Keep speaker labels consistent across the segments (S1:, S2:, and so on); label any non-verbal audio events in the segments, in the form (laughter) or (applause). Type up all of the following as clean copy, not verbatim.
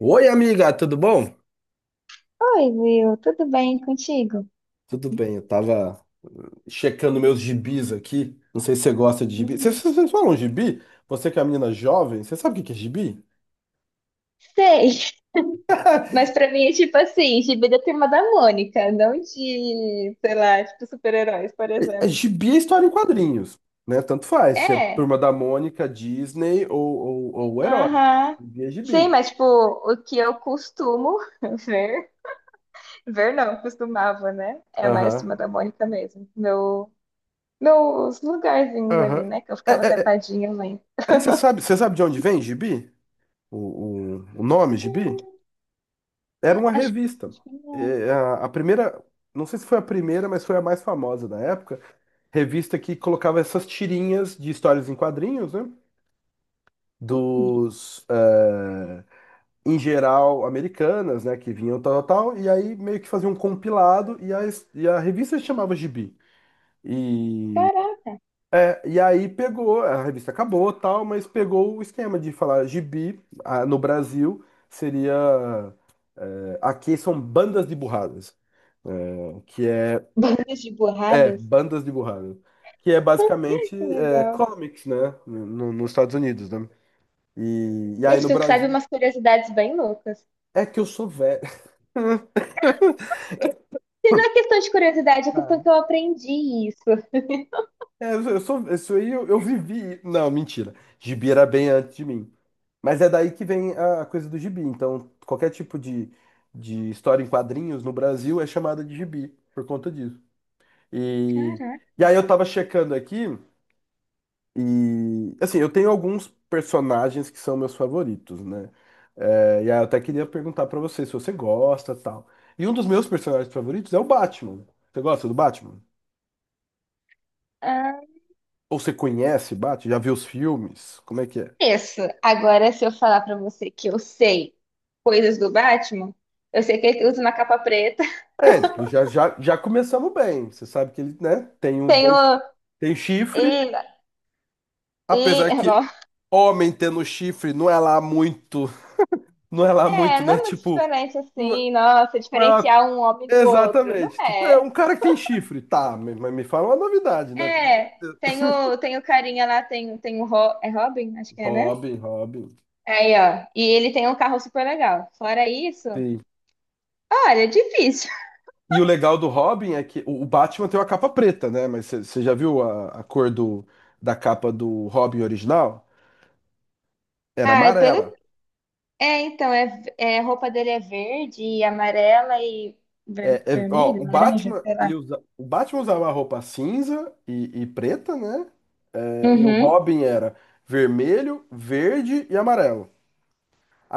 S1: Oi, amiga, tudo bom?
S2: Oi, Will, tudo bem contigo?
S1: Tudo bem, eu tava checando meus gibis aqui. Não sei se você gosta de gibi. Vocês
S2: Hum.
S1: vocês falam gibi? Você que é uma menina jovem, você sabe o que que é gibi?
S2: Sei, mas pra mim é tipo assim, gibi da Turma da Mônica, não de, sei lá, tipo super-heróis, por
S1: É,
S2: exemplo.
S1: gibi é história em quadrinhos, né? Tanto faz, se é
S2: É,
S1: Turma da Mônica, Disney ou o Herói.
S2: aham.
S1: Gibi é
S2: Sim,
S1: gibi.
S2: mas tipo, o que eu costumo (laughs) ver, ver não, costumava, né? É mais
S1: Aham.
S2: Turma da Mônica mesmo. Meus lugarzinhos
S1: Aham.
S2: ali, né? Que eu
S1: É,
S2: ficava
S1: é, é-
S2: sentadinha lendo.
S1: é que você sabe de onde vem gibi? O, o nome gibi? Era
S2: Hum,
S1: uma
S2: Acho,
S1: revista.
S2: acho que não.
S1: É, a primeira, não sei se foi a primeira, mas foi a mais famosa da época, revista que colocava essas tirinhas de histórias em quadrinhos, né? Dos, eh, em geral, americanas, né? Que vinham tal, tal, tal, e aí meio que fazia um compilado, e a revista se chamava Gibi. E,
S2: Caraca,
S1: é, e aí pegou, a revista acabou, tal, mas pegou o esquema de falar Gibi, ah, no Brasil, seria... aqui são bandas de burradas, que é...
S2: (laughs) bandas de
S1: É,
S2: borradas.
S1: bandas dibujadas. Que é basicamente
S2: Que
S1: é,
S2: legal.
S1: comics, né? Nos Estados Unidos, né? E aí
S2: Gente,
S1: no
S2: tu que sabe
S1: Brasil.
S2: umas curiosidades bem loucas.
S1: É que eu sou velho. (laughs)
S2: E não é questão de curiosidade, é questão
S1: Cara.
S2: que eu aprendi isso.
S1: É, eu sou, isso aí eu vivi. Não, mentira. Gibi era bem antes de mim. Mas é daí que vem a coisa do gibi. Então, qualquer tipo de história em quadrinhos no Brasil é chamada de gibi, por conta disso. E,
S2: Caraca.
S1: e aí eu tava checando aqui. E assim, eu tenho alguns personagens que são meus favoritos, né? É, e aí eu até queria perguntar pra você se você gosta, tal. E um dos meus personagens favoritos é o Batman. Você gosta do Batman?
S2: Ah,
S1: Ou você conhece Batman? Já viu os filmes? Como é que é?
S2: isso. Agora, se eu falar pra você que eu sei coisas do Batman, eu sei que ele usa uma capa preta. (laughs)
S1: É, tipo, já começamos bem. Você sabe que ele, né, tem um, dois,
S2: Tenho.
S1: tem chifre,
S2: E,
S1: apesar que
S2: não.
S1: homem tendo chifre não é lá muito, não é lá
S2: É,
S1: muito,
S2: não
S1: né?
S2: é muito
S1: Tipo,
S2: diferente
S1: não
S2: assim. Nossa,
S1: não é uma...
S2: diferenciar um homem do outro. Não
S1: Exatamente. Tipo, é
S2: é.
S1: um cara que tem chifre. Tá, mas me fala uma novidade, né? Pelo amor
S2: É. Tem o carinha lá, tem o é Robin, acho
S1: de...
S2: que é, né?
S1: Robin, Robin.
S2: Aí, ó. E ele tem um carro super legal. Fora isso,
S1: Sim.
S2: olha, é difícil.
S1: E o legal do Robin é que o Batman tem uma capa preta, né? Mas você já viu a cor do, da capa do Robin original? Era
S2: Ah, é pelo.
S1: amarela.
S2: É, então, a roupa dele é verde e amarela e
S1: Ó, o
S2: vermelho, laranja,
S1: Batman,
S2: sei lá.
S1: ele usa, o Batman usava a roupa cinza e preta, né? É, e o
S2: Uhum.
S1: Robin era vermelho, verde e amarelo.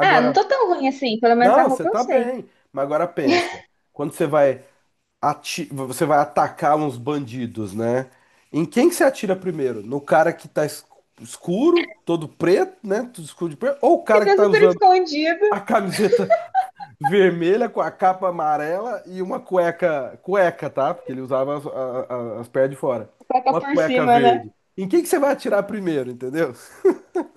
S2: Ah, não tô tão ruim assim, pelo menos
S1: não,
S2: a
S1: você
S2: roupa eu
S1: tá
S2: sei.
S1: bem. Mas agora pensa. Quando você vai você vai atacar uns bandidos, né? Em quem que você atira primeiro? No cara que tá escuro, todo preto, né? Tudo escuro de preto, ou o
S2: Que
S1: cara que
S2: tá
S1: tá
S2: super
S1: usando
S2: escondido,
S1: a camiseta (laughs) vermelha com a capa amarela e uma cueca, cueca, tá? Porque ele usava as, as pernas de fora.
S2: coloca
S1: Uma
S2: por
S1: cueca
S2: cima, né?
S1: verde. Em quem que você vai atirar primeiro, entendeu?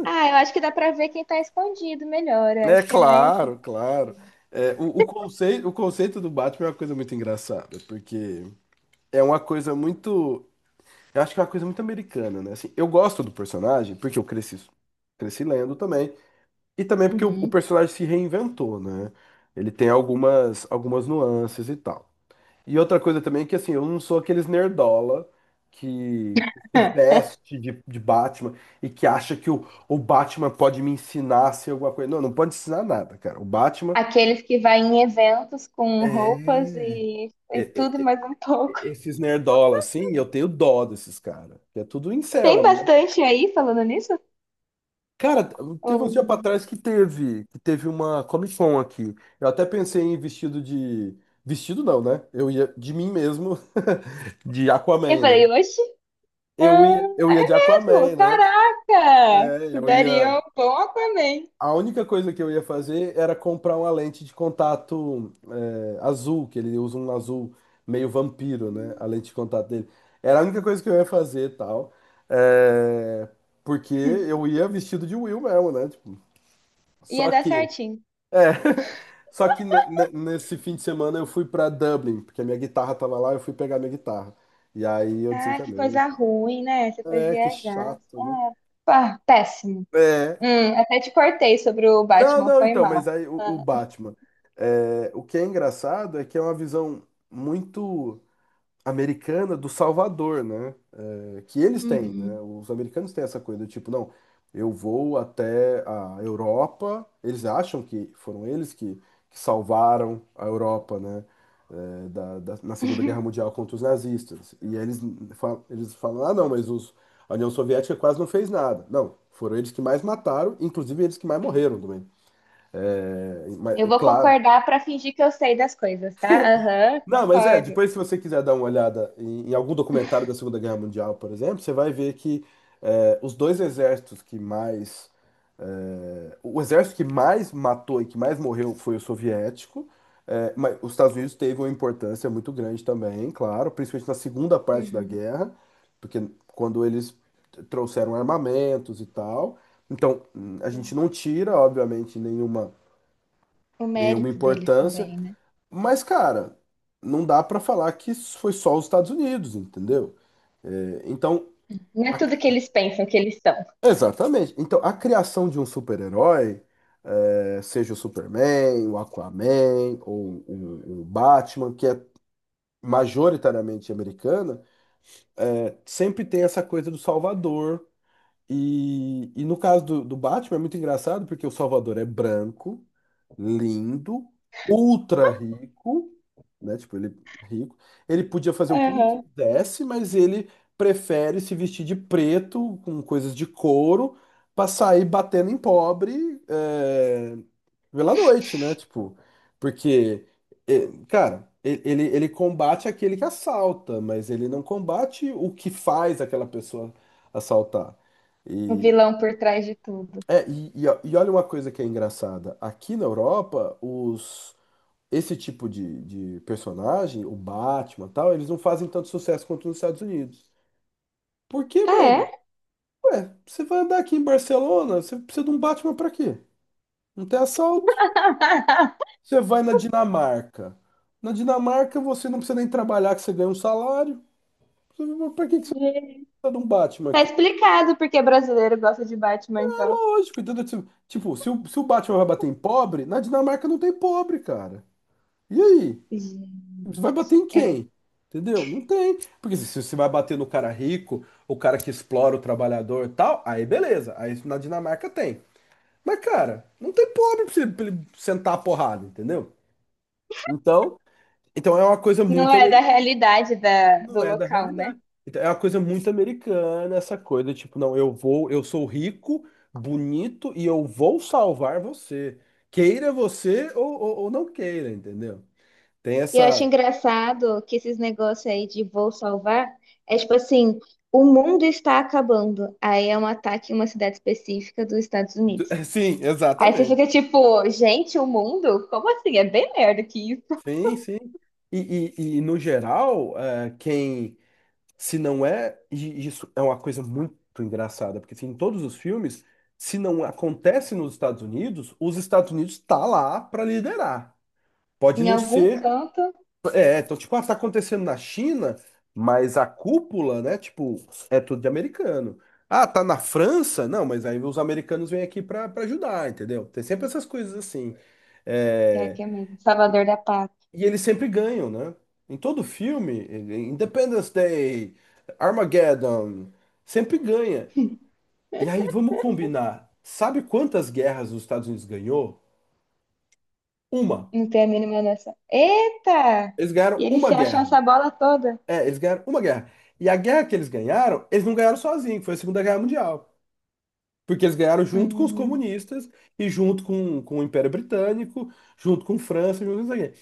S2: Ah, eu acho que dá pra ver quem tá escondido melhor, eu
S1: É
S2: acho que é mais assim.
S1: claro, claro. É, o conceito, o conceito do Batman é uma coisa muito engraçada, porque é uma coisa muito... Eu acho que é uma coisa muito americana, né? Assim, eu gosto do personagem porque eu cresci, cresci lendo também. E também porque o
S2: Uhum.
S1: personagem se reinventou, né? Ele tem algumas nuances e tal. E outra coisa também é que, assim, eu não sou aqueles nerdola que se
S2: (laughs)
S1: veste de Batman e que acha que o Batman pode me ensinar a ser alguma coisa. Não, não pode ensinar nada, cara. O Batman
S2: Aqueles que vai em eventos com roupas
S1: é,
S2: e,
S1: é-
S2: e
S1: é-
S2: tudo e
S1: é-
S2: mais um pouco. (laughs)
S1: esses nerdola, assim, eu tenho dó desses caras, que é tudo
S2: Tem
S1: incel, né?
S2: bastante aí falando nisso?
S1: Cara, teve uns dias pra
S2: Ou-
S1: trás que teve uma Comic Con aqui. Eu até pensei em vestido de. Vestido não, né? Eu ia de mim mesmo, (laughs) de
S2: Eu
S1: Aquaman, né?
S2: falei, oxe. Ah,
S1: Eu
S2: é
S1: ia de Aquaman,
S2: mesmo?
S1: né?
S2: Caraca!
S1: É,
S2: Tu
S1: eu
S2: daria
S1: ia.
S2: um bom Aquaman.
S1: A única coisa que eu ia fazer era comprar uma lente de contato azul, que ele usa um azul meio vampiro, né? A
S2: Hum,
S1: lente de contato dele. Era a única coisa que eu ia fazer e tal. É, porque eu ia vestido de Will mesmo, né? Tipo,
S2: Ia
S1: só
S2: dar
S1: que...
S2: certinho.
S1: É. (laughs) Só que nesse fim de semana eu fui pra Dublin, porque a minha guitarra tava lá, eu fui pegar minha guitarra. E aí eu
S2: Ah, que
S1: desencanei.
S2: coisa ruim, né? Você foi
S1: É, que
S2: viajar.
S1: chato, né?
S2: Ah, pá, péssimo.
S1: É.
S2: Até te cortei sobre o
S1: Não,
S2: Batman,
S1: não,
S2: foi
S1: então,
S2: mal.
S1: mas aí o
S2: Ah,
S1: Batman. É, o que é engraçado é que é uma visão muito americana do Salvador, né? Que eles têm, né?
S2: uhum.
S1: Os americanos têm essa coisa do tipo, não, eu vou até a Europa, eles acham que foram eles que salvaram a Europa, né? Na Segunda Guerra Mundial contra os nazistas. E aí eles, eles falam, ah, não, mas os, a União Soviética quase não fez nada. Não, foram eles que mais mataram, inclusive eles que mais morreram também. É, mas,
S2: Eu
S1: é
S2: vou
S1: claro...
S2: concordar pra fingir que eu sei das coisas, tá? Aham,
S1: Não, mas é,
S2: concordo.
S1: depois se você quiser dar uma olhada em, em algum documentário da Segunda Guerra Mundial, por exemplo, você vai ver que é, os dois exércitos que mais... é, o exército que mais matou e que mais morreu foi o soviético, mas os Estados Unidos teve uma importância muito grande também, claro, principalmente na segunda parte da
S2: Uhum,
S1: guerra, porque quando eles trouxeram armamentos e tal. Então, a gente
S2: sim.
S1: não tira, obviamente, nenhuma,
S2: O
S1: nenhuma
S2: mérito deles
S1: importância,
S2: também, né?
S1: mas, cara, não dá pra falar que isso foi só os Estados Unidos, entendeu? É, então,
S2: Não é
S1: a-
S2: tudo que eles pensam que eles são.
S1: exatamente. Então, a criação de um super-herói, é, seja o Superman, o Aquaman ou o Batman, que é majoritariamente americana, é, sempre tem essa coisa do salvador. E no caso do Batman é muito engraçado porque o Salvador é branco, lindo, ultra rico, né? Tipo, ele é rico. Ele podia fazer o que ele
S2: Aham.
S1: quisesse, mas ele prefere se vestir de preto, com coisas de couro, pra sair batendo em pobre, é, pela noite, né? Tipo, porque, é, cara, ele, ele combate aquele que assalta, mas ele não combate o que faz aquela pessoa assaltar.
S2: O
S1: E,
S2: vilão por trás de tudo.
S1: é, e olha uma coisa que é engraçada. Aqui na Europa, os, esse tipo de personagem, o Batman e tal, eles não fazem tanto sucesso quanto nos Estados Unidos. Por quê,
S2: Ah, é?
S1: mano? Ué, você vai andar aqui em Barcelona, você precisa de um Batman pra quê? Não tem assalto.
S2: (laughs)
S1: Você vai na Dinamarca. Na Dinamarca, você não precisa nem trabalhar, que você ganha um salário. Você... Pra que que você
S2: Entendi.
S1: precisa de um Batman
S2: Tá
S1: aqui?
S2: explicado porque brasileiro gosta de Batman,
S1: É
S2: então.
S1: lógico, entendeu? Tipo, se o, se o Batman vai bater em pobre, na Dinamarca não tem pobre, cara. E aí?
S2: Gente,
S1: Você vai bater em
S2: é.
S1: quem? Entendeu? Não tem. Porque se você vai bater no cara rico, o cara que explora o trabalhador e tal, aí beleza. Aí na Dinamarca tem. Mas, cara, não tem pobre pra você, pra ele sentar a porrada, entendeu? Então, então é uma coisa
S2: Não
S1: muito
S2: é da
S1: americana,
S2: realidade da, do
S1: não é da
S2: local, né?
S1: realidade. Então, é uma coisa muito americana essa coisa, tipo, não, eu vou, eu sou rico, bonito e eu vou salvar você. Queira você ou, ou não queira, entendeu? Tem
S2: E eu acho
S1: essa.
S2: engraçado que esses negócios aí de vou salvar é tipo assim, o mundo está acabando. Aí é um ataque em uma cidade específica dos Estados Unidos.
S1: (laughs) Sim,
S2: Aí você
S1: exatamente.
S2: fica tipo, gente, o mundo? Como assim? É bem melhor do que isso.
S1: Sim, sim. E, no geral, quem, se não é, e isso é uma coisa muito engraçada, porque assim, em todos os filmes, se não acontece nos Estados Unidos, os Estados Unidos tá lá para liderar. Pode
S2: Em
S1: não
S2: algum
S1: ser,
S2: canto,
S1: é, então tipo, ah, tá acontecendo na China, mas a cúpula, né, tipo, é tudo de americano. Ah, tá na França? Não, mas aí os americanos vêm aqui para ajudar, entendeu? Tem sempre essas coisas assim.
S2: que é
S1: É,
S2: aqui é mesmo, Salvador da Pátria.
S1: e eles sempre ganham, né? Em todo filme, ele... Independence Day, Armageddon, sempre ganha. E aí vamos combinar. Sabe quantas guerras os Estados Unidos ganhou? Uma.
S2: Não tem a mínima noção. Eita!
S1: Eles
S2: E
S1: ganharam
S2: eles
S1: uma
S2: se acham
S1: guerra.
S2: essa bola toda.
S1: É, eles ganharam uma guerra. E a guerra que eles ganharam, eles não ganharam sozinhos, foi a Segunda Guerra Mundial. Porque eles ganharam junto com os
S2: Hum,
S1: comunistas e junto com o Império Britânico, junto com França, junto com isso aqui.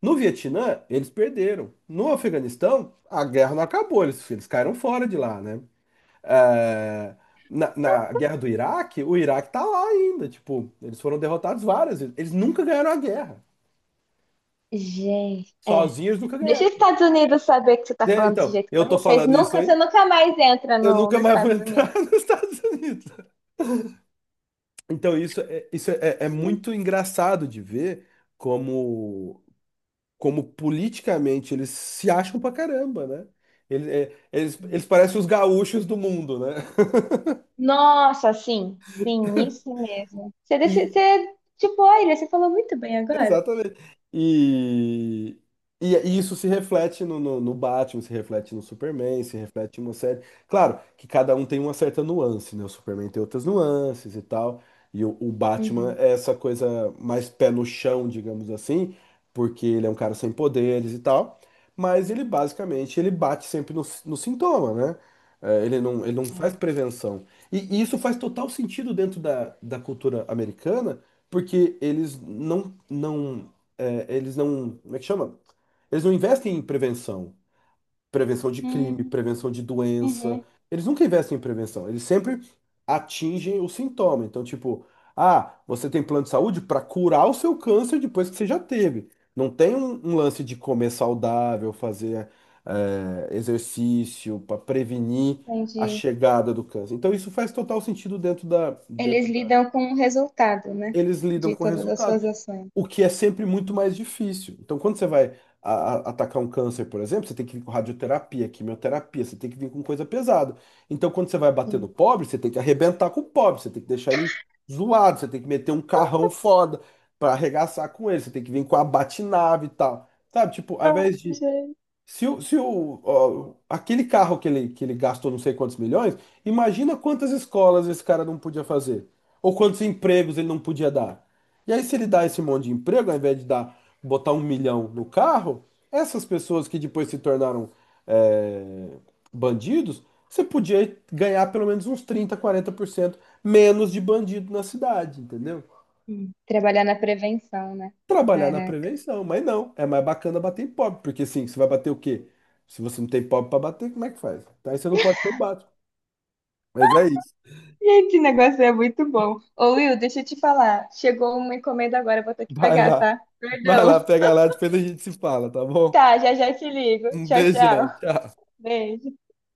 S1: No Vietnã, eles perderam. No Afeganistão, a guerra não acabou, eles caíram fora de lá, né? É, na guerra do Iraque, o Iraque tá lá ainda, tipo, eles foram derrotados várias vezes. Eles nunca ganharam a guerra.
S2: gente, é.
S1: Sozinhos nunca
S2: Deixa
S1: ganharam.
S2: os Estados Unidos saber que você tá
S1: É,
S2: falando desse
S1: então,
S2: jeito com
S1: eu tô
S2: eles. Vocês
S1: falando isso
S2: nunca,
S1: aí,
S2: você nunca mais entra
S1: eu
S2: no,
S1: nunca
S2: nos
S1: mais vou
S2: Estados Unidos.
S1: entrar (laughs) nos Estados Unidos. Então, isso é, é muito engraçado de ver como... como politicamente eles se acham pra caramba, né? Ele- é, Eles, eles parecem os gaúchos do mundo, né?
S2: Nossa, sim, sim, isso mesmo. Você,
S1: E,
S2: você tipo, olha, você falou muito bem agora.
S1: exatamente. E, isso se reflete no, no Batman, se reflete no Superman, se reflete em uma série. Claro que cada um tem uma certa nuance, né? O Superman tem outras nuances e tal. E o Batman
S2: Uhum,
S1: é essa coisa mais pé no chão, digamos assim, porque ele é um cara sem poderes e tal. Mas ele basicamente ele bate sempre no, no sintoma, né? É, ele não faz
S2: é.
S1: prevenção. E isso faz total sentido dentro da, da cultura americana porque eles não, não, é, eles não, como é que chama? Eles não investem em prevenção, prevenção de crime,
S2: Hum,
S1: prevenção de doença.
S2: uhum,
S1: Eles nunca investem em prevenção. Eles sempre atingem o sintoma. Então, tipo, ah, você tem plano de saúde para curar o seu câncer depois que você já teve. Não tem um lance de comer saudável, fazer exercício para prevenir a
S2: entendi.
S1: chegada do câncer. Então, isso faz total sentido dentro
S2: Eles
S1: da...
S2: lidam com o resultado, né?
S1: Eles lidam
S2: De
S1: com o
S2: todas as suas
S1: resultado,
S2: ações.
S1: o que é sempre muito mais difícil. Então, quando você vai a- atacar um câncer, por exemplo, você tem que vir com radioterapia, quimioterapia, você tem que vir com coisa pesada. Então, quando você vai bater
S2: Sim.
S1: no pobre, você tem que arrebentar com o pobre, você tem que deixar ele zoado, você tem que meter um carrão foda pra arregaçar com ele, você tem que vir com a batinave e tal. Sabe, tipo, ao
S2: Ah,
S1: invés de
S2: gente.
S1: se, o, se o, ó, aquele carro que ele gastou não sei quantos milhões, imagina quantas escolas esse cara não podia fazer. Ou quantos empregos ele não podia dar. E aí, se ele dá esse monte de emprego, ao invés de dar, botar 1 milhão no carro, essas pessoas que depois se tornaram é, bandidos, você podia ganhar pelo menos uns 30, 40% menos de bandido na cidade, entendeu?
S2: Trabalhar na prevenção, né?
S1: Trabalhar na
S2: Caraca.
S1: prevenção, mas não, é mais bacana bater em pobre, porque assim, você vai bater o quê? Se você não tem pobre pra bater, como é que faz? Então, aí você não pode ter o básico. Mas é isso.
S2: Gente, o negócio é muito bom. Ô, Will, deixa eu te falar. Chegou uma encomenda agora, eu vou ter que
S1: Vai
S2: pegar,
S1: lá.
S2: tá?
S1: Vai lá,
S2: Perdão.
S1: pega lá, depois a gente se fala, tá bom?
S2: Tá, já já te ligo.
S1: Um
S2: Tchau,
S1: beijão,
S2: tchau.
S1: tchau.
S2: Beijo.